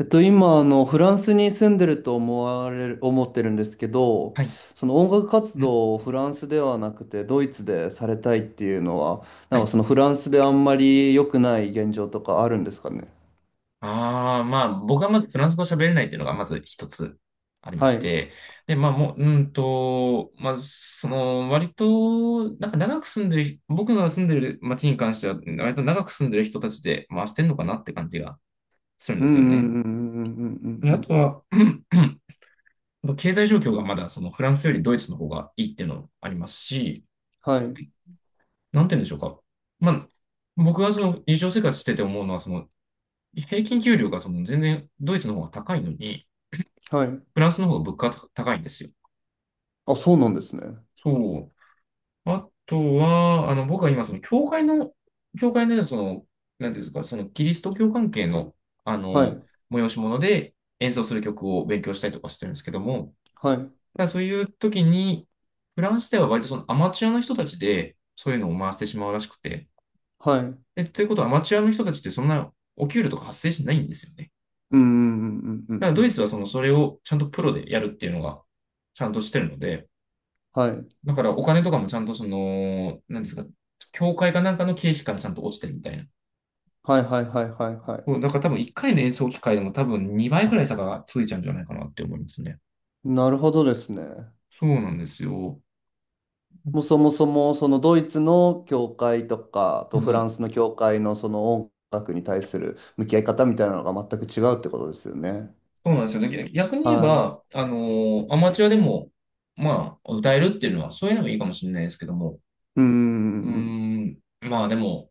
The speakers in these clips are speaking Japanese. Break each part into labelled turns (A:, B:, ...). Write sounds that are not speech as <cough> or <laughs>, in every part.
A: 今、フランスに住んでると思ってるんですけど、
B: はい。
A: その音楽活
B: ん
A: 動をフランスではなくて、ドイツでされたいっていうのは、な
B: は
A: んかそ
B: い。
A: のフランスであんまり良くない現状とかあるんですかね。
B: 僕はまずフランス語喋れないっていうのがまず一つありま
A: は
B: し
A: い。うん
B: て。で、まあ、もう、うんと、まあ、その、割と、なんか長く住んでる、僕が住んでる町に関しては、割と長く住んでる人たちで回してんのかなって感じがするん
A: う
B: で
A: んう
B: すよね。
A: んうんうんうん
B: で、
A: うん
B: あ
A: う
B: と
A: ん。
B: は、<coughs> <clears throat> 経済状況がまだ、その、フランスよりドイツの方がいいっていうのもありますし、
A: はい。
B: なんて言うんでしょうか。まあ、僕がその日常生活してて思うのは、その平均給料がその全然ドイツの方が高いのに、
A: はい。
B: フランスの方が物価が高いんですよ。
A: あ、そうなんですね。
B: そう。あとは、あの、僕は今、その教会の、その、なんていうんですか、そのキリスト教関係の、あ
A: は
B: の、
A: い。
B: 催し物で演奏する曲を勉強したりとかしてるんですけども、
A: はい。
B: だからそういう時に、フランスでは割とそのアマチュアの人たちで、そういうのを回してしまうらしくて、
A: はい。うん
B: え、ということは、アマチュアの人たちってそんなお給料とか発生しないんですよね。
A: うんうんうんう
B: だか
A: ん
B: ら
A: う
B: ドイ
A: ん。
B: ツはそのそれをちゃんとプロでやるっていうのがちゃんとしてるので、
A: はい。
B: だからお金とかもちゃんとその、なんですか、協会かなんかの経費からちゃんと落ちてるみたいな。
A: はいはいはいはいはい。
B: だから多分1回の演奏機会でも多分2倍くらい差がついちゃうんじゃないかなって思いますね。
A: なるほどですね。
B: そうなんですよ。
A: もうそもそもそのドイツの教会とか
B: う
A: とフラ
B: ん。
A: ンスの教会のその音楽に対する向き合い方みたいなのが全く違うってことですよね。
B: そうなんですよね。逆に言え
A: は
B: ば、アマチュアでも、まあ、歌えるっていうのは、そういうのがいいかもしれないですけども、
A: い。うん。うん。
B: まあでも、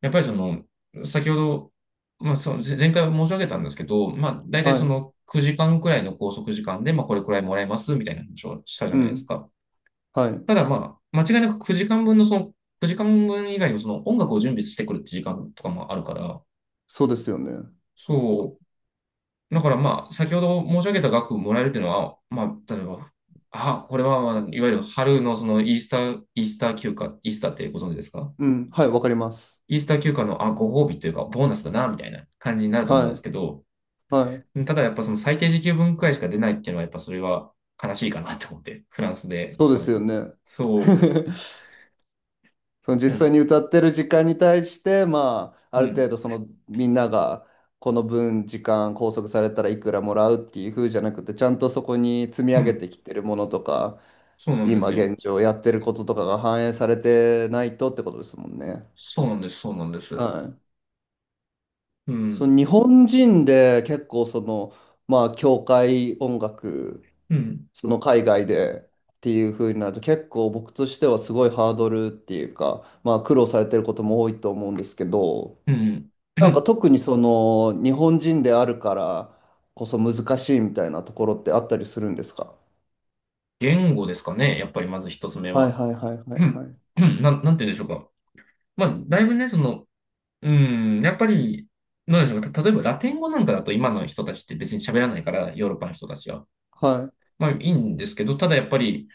B: やっぱりその、先ほど、まあ、その前回申し上げたんですけど、まあ、大体
A: は
B: そ
A: い。
B: の9時間くらいの拘束時間で、まあ、これくらいもらえますみたいな話をしたじゃ
A: う
B: ないです
A: ん。
B: か。
A: はい。
B: ただ、まあ、間違いなく9時間分のその、9時間分以外にもその音楽を準備してくるって時間とかもあるから、
A: そうですよね。
B: そう。だからまあ、先ほど申し上げた額もらえるっていうのは、まあ、例えば、あ、これは、まあ、いわゆる春のそのイースター休暇、イースターってご存知ですか？
A: うん。はい。わかります。
B: イースター休暇の、あ、ご褒美というか、ボーナスだな、みたいな感じになると思うん
A: は
B: です
A: い。
B: けど、
A: はい。
B: ただやっぱその最低時給分くらいしか出ないっていうのはやっぱそれは悲しいかなと思って、フランスで。
A: そうで
B: ただ
A: すよね。<laughs>
B: そ
A: その実
B: う、う
A: 際
B: ん、
A: に歌ってる時間に対して、まあ、
B: う
A: ある
B: ん、
A: 程度そのみんながこの分時間拘束されたらいくらもらうっていう風じゃなくて、ちゃんとそこに積み
B: う
A: 上げて
B: ん、
A: きてるものとか、
B: そうなんで
A: 今
B: すよ。
A: 現状やってることとかが反映されてないとってことですもんね。
B: そうなんです、そうなんです。
A: はい。
B: う
A: その
B: ん、
A: 日本人で結構その、まあ、教会音楽、
B: うん、
A: その海外でっていう風になると結構僕としてはすごいハードルっていうか、まあ、苦労されてることも多いと思うんですけど、
B: うん。
A: なんか
B: <clears throat>
A: 特にその日本人であるからこそ難しいみたいなところってあったりするんですか？
B: 言語ですかね、やっぱりまず一つ目
A: はい
B: は。
A: はいはいは
B: う
A: いは
B: ん、
A: い。
B: なんて言うんでしょうか。まあ、だいぶね、その、うん、やっぱり、なんでしょうか。例えばラテン語なんかだと今の人たちって別に喋らないから、ヨーロッパの人たちは。
A: はい
B: まあいいんですけど、ただやっぱり、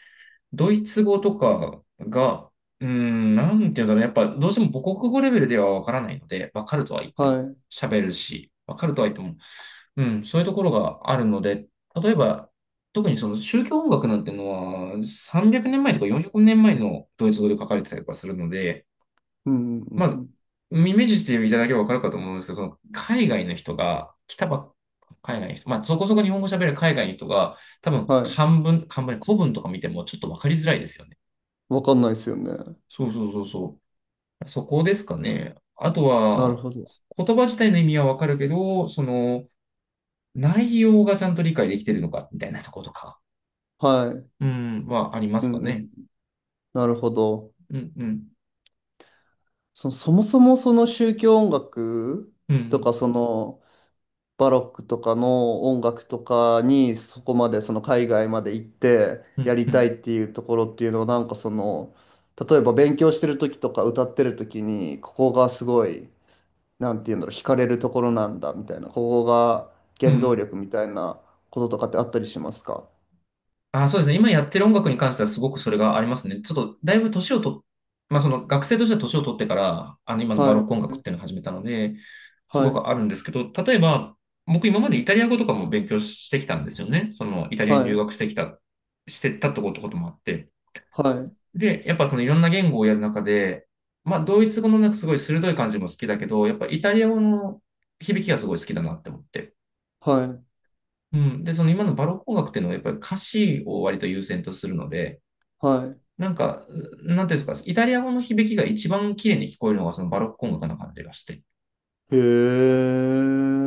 B: ドイツ語とかが、なんていうんだろう。やっぱどうしても母国語レベルではわからないので、わかるとは言って
A: は
B: も、
A: い。
B: 喋るし、わかるとは言っても、うん、そういうところがあるので、例えば、特にその宗教音楽なんてのは、300年前とか400年前のドイツ語で書かれてたりとかするので、
A: うんうんう
B: ま
A: んう
B: あ、
A: ん。
B: イメージしていただければわかるかと思うんですけど、その海外の人が、来たばっ海外の人、まあ、そこそこ日本語喋れる海外の人が、多分
A: はい。
B: 漢文、古文とか見てもちょっとわかりづらいですよね。
A: わかんないですよね。
B: そう、そこですかね。あと
A: なる
B: は、
A: ほど。
B: 言葉自体の意味はわかるけど、その、内容がちゃんと理解できてるのか、みたいなとことか、
A: はい。
B: うん、はありま
A: う
B: す
A: ん
B: か
A: うん。
B: ね。
A: なるほど。
B: うん、うん、
A: そもそもその宗教音楽
B: う
A: とか、
B: ん、
A: そのバロックとかの音楽とかに、そこまで、その海外まで行って
B: う
A: や
B: ん、
A: り
B: う
A: たい
B: ん、
A: っていうところっていうのは、なんかその、例えば勉強してる時とか歌ってる時に、ここがすごい、なんていうんだろう、惹かれるところなんだみたいな、ここが
B: う
A: 原動
B: ん。
A: 力みたいなこととかってあったりしますか？
B: あ、そうですね。今やってる音楽に関してはすごくそれがありますね。ちょっと、だいぶ年をと、まあ、その学生としては年を取ってから、あの、今のバ
A: は
B: ロック音
A: い、
B: 楽っていうのを始めたので、す
A: は
B: ご
A: い、
B: くあるんですけど、例えば、僕今までイタリア語とかも勉強してきたんですよね。その、イタリア
A: は
B: に留
A: い、
B: 学してきた、してたってこともあって。
A: はい。
B: で、やっぱそのいろんな言語をやる中で、まあ、ドイツ語のなんかすごい鋭い感じも好きだけど、やっぱイタリア語の響きがすごい好きだなって思って。
A: はい。
B: うん。で、その今のバロック音楽っていうのはやっぱり歌詞を割と優先とするので、
A: は
B: なんか、なんていうんですか、イタリア語の響きが一番綺麗に聞こえるのがそのバロック音楽な感じがして、
A: い。へえ。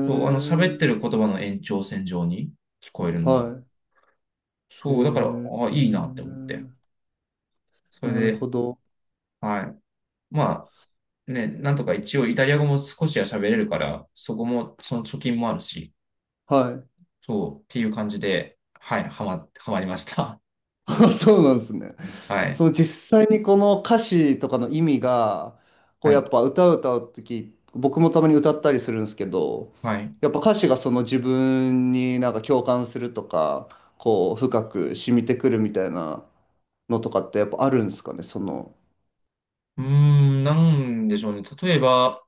B: そう、あの喋ってる言葉の延長線上に聞こえるのが
A: はい。へ
B: そう、だから、
A: え。
B: ああ、いいなって思って。それ
A: なる
B: で、
A: ほど。
B: はい。まあ、ね、なんとか一応イタリア語も少しは喋れるから、そこも、その貯金もあるし、
A: はい。<laughs>
B: そう、っていう感じで、はい、はまりました。
A: あ、そうなんですね。
B: <laughs> はい。
A: その実際にこの歌詞とかの意味が、こ
B: は
A: うや
B: い。
A: っぱ歌う時僕もたまに歌ったりするんですけど、
B: はい。
A: やっぱ歌詞がその自分になんか共感するとか、こう深く染みてくるみたいなのとかってやっぱあるんですかね、その。
B: なんでしょうね。例えば、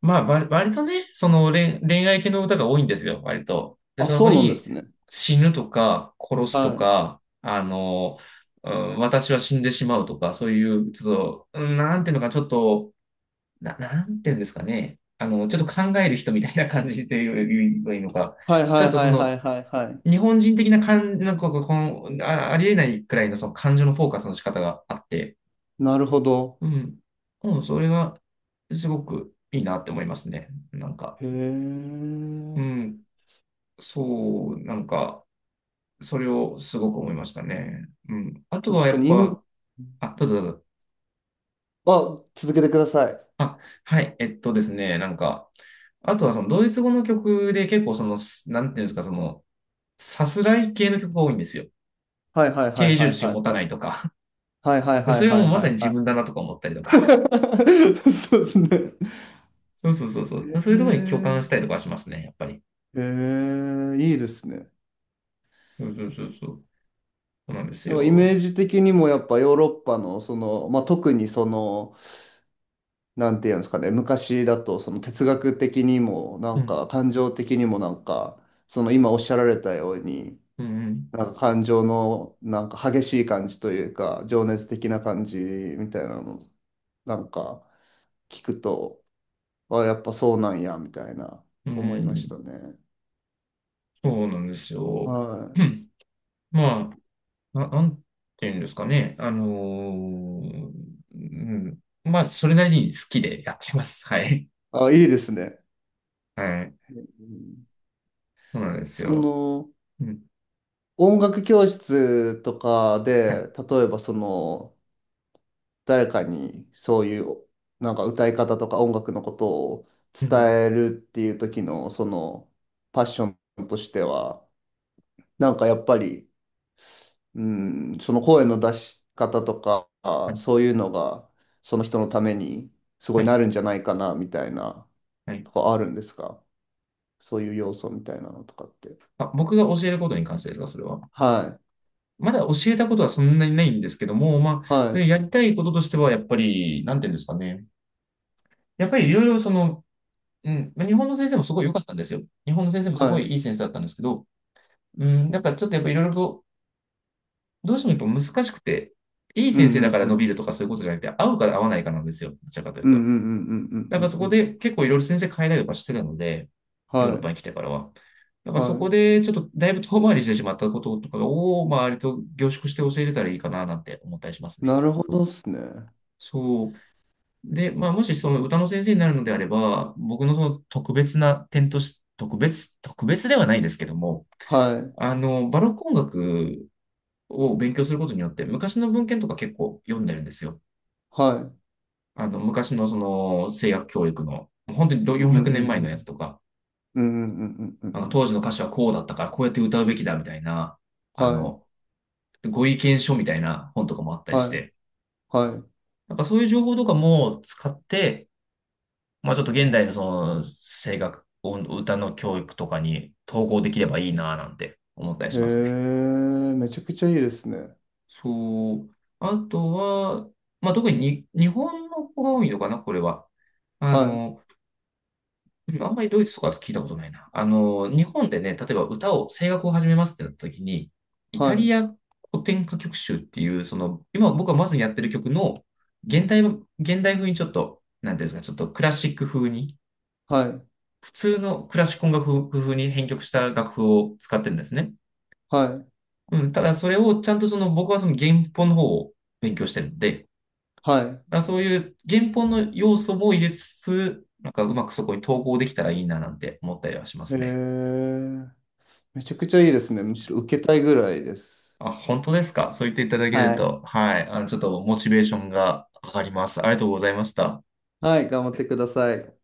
B: まあ、割とね、その恋愛系の歌が多いんですよ、割と。で、
A: あ、
B: そ
A: そ
B: こ
A: うなんで
B: に
A: すね。
B: 死ぬとか、殺すと
A: はい。
B: か、あの、うん、私は死んでしまうとか、そういう、ちょっと、うんなんていうのか、ちょっと、な、なんていうんですかね。あの、ちょっと考える人みたいな感じで言えばいいのか。
A: はい
B: ち
A: は
B: ょ
A: い
B: っとそ
A: はいは
B: の、
A: いはいはい。
B: 日本人的な感、なんかの、ありえないくらいのその感情のフォーカスの仕方があって、
A: なるほど。
B: うん、うん、それがすごくいいなって思いますね。なんか。
A: へ
B: う
A: え。
B: ん、そう、なんか、それをすごく思いましたね。うん。あとは
A: 確か
B: やっ
A: に、今
B: ぱ、あ、どうぞどうぞ。
A: あ、続けてください。
B: あ、はい、えっとですね、なんか、あとはそのドイツ語の曲で結構その、なんていうんですか、その、さすらい系の曲が多いんですよ。
A: はいはいはい
B: 定
A: は
B: 住
A: い
B: 地を
A: はい
B: 持た
A: は
B: ない
A: い。
B: とか。
A: はいはい
B: <laughs>
A: は
B: そ
A: い
B: れは
A: は
B: もう
A: い
B: ま
A: は
B: さに
A: い
B: 自
A: は
B: 分だなとか思ったりとか。
A: い。<laughs> そうですね。
B: <laughs> そうそうそう
A: へ
B: そう。そういうところに共
A: え。
B: 感したりとかしますね、やっぱり。
A: へえ、いいですね。
B: そうそうそうそう。そうなんです
A: なんかイメー
B: よ。
A: ジ的にもやっぱヨーロッパのその、まあ、特にその、なんていうんですかね、昔だとその哲学的にもな
B: う
A: ん
B: ん、
A: か感情的にもなんか、その今おっしゃられたように、
B: うん、
A: なんか感情のなんか激しい感じというか、情熱的な感じみたいなの、なんか聞くと、あ、やっぱそうなんや、みたいな
B: うん。う
A: 思いました
B: ん、
A: ね。
B: そうなんですよ。
A: はい。
B: うん、まあ、なんていうんですかね。うん。まあ、それなりに好きでやってます。はい。
A: あ、いいですね。
B: はい。
A: うん。
B: そうなんです
A: そ
B: よ。
A: の、
B: うん。
A: 音楽教室とか
B: はい。
A: で、例えばその、誰かにそういう、なんか歌い方とか音楽のことを
B: うんうん
A: 伝えるっていう時の、その、パッションとしては、なんかやっぱり、うん、その声の出し方とか、
B: はい。
A: そういうのが、その人のためにすご
B: は
A: い
B: い。
A: なるんじゃないかな、みたいな、
B: はい。
A: とかあるんですか？そういう要素みたいなのとかって。
B: あ、僕が教えることに関してですか、それは。
A: はい、
B: まだ教えたことはそんなにないんですけども、ま
A: は
B: あ、
A: い、
B: やりたいこととしては、やっぱり、なんていうんですかね。やっぱりいろいろその、うん、まあ日本の先生もすごい良かったんですよ。日本の先生もす
A: はい。う
B: ごい
A: ん
B: いい先生だったんですけど、うん、なんかちょっとやっぱいろいろとどうしてもやっぱ難しくて、いい
A: う
B: 先生だ
A: ん
B: から
A: う
B: 伸び
A: ん。
B: るとかそういうことじゃなくて、合うか合わないかなんですよ。どちらかという
A: うんうん
B: と。
A: うんうん
B: だ
A: う
B: から
A: ん
B: そ
A: うんう
B: こ
A: ん。
B: で結構いろいろ先生変えたりとかしてるので、ヨーロ
A: は
B: ッ
A: い、
B: パに来てからは。だからそ
A: は
B: こ
A: い。
B: でちょっとだいぶ遠回りしてしまったこととかを、まあ、割と凝縮して教えれたらいいかななんて思ったりしますね。
A: なるほどっすね。
B: そう。で、まあ、もしその歌の先生になるのであれば、僕のその特別な点として、特別ではないですけども、
A: はい、
B: あの、バロック音楽を勉強することによって、昔の文献とか結構読んでるんですよ。
A: はい。
B: あの、昔のその声楽教育の、本当に
A: う
B: 400
A: んうん
B: 年前
A: う
B: のやつ
A: ん。
B: とか、
A: うんうんうんうんうん
B: なんか
A: うん。
B: 当時の歌手はこうだったからこうやって歌うべきだみたいな、あ
A: はい、
B: の、ご意見書みたいな本とかもあったりし
A: はい、
B: て、
A: は
B: なんかそういう情報とかも使って、まあちょっと現代のその声楽、音歌の教育とかに統合できればいいなぁなんて思ったり
A: い。へ
B: しますね。
A: え、めちゃくちゃいいですね。
B: そう。あとは、まあ特に日本の子が多いのかな、これは。あ
A: はい、
B: の、でもあんまりドイツとかだと聞いたことないな。あの、日本でね、例えば歌を、声楽を始めますってなった時に、イ
A: は
B: タリ
A: い、
B: ア古典歌曲集っていう、その、今僕がまずやってる曲の、現代、現代風にちょっと、なんていうんですか、ちょっとクラシック風に、
A: はい。
B: 普通のクラシック音楽風に編曲した楽譜を使ってるんですね。
A: はい
B: うん、ただそれをちゃんとその、僕はその原本の方を勉強してるんで、
A: は
B: まあ、そういう原本の要素も入れつつ、なんかうまくそこに統合できたらいいななんて思ったりはしま
A: い。へ
B: すね。
A: え。めちゃくちゃいいですね。むしろ受けたいぐらいです。
B: あ、本当ですか？そう言っていただける
A: はい。
B: と、はい。あの、ちょっとモチベーションが上がります。ありがとうございました。
A: はい、頑張ってください。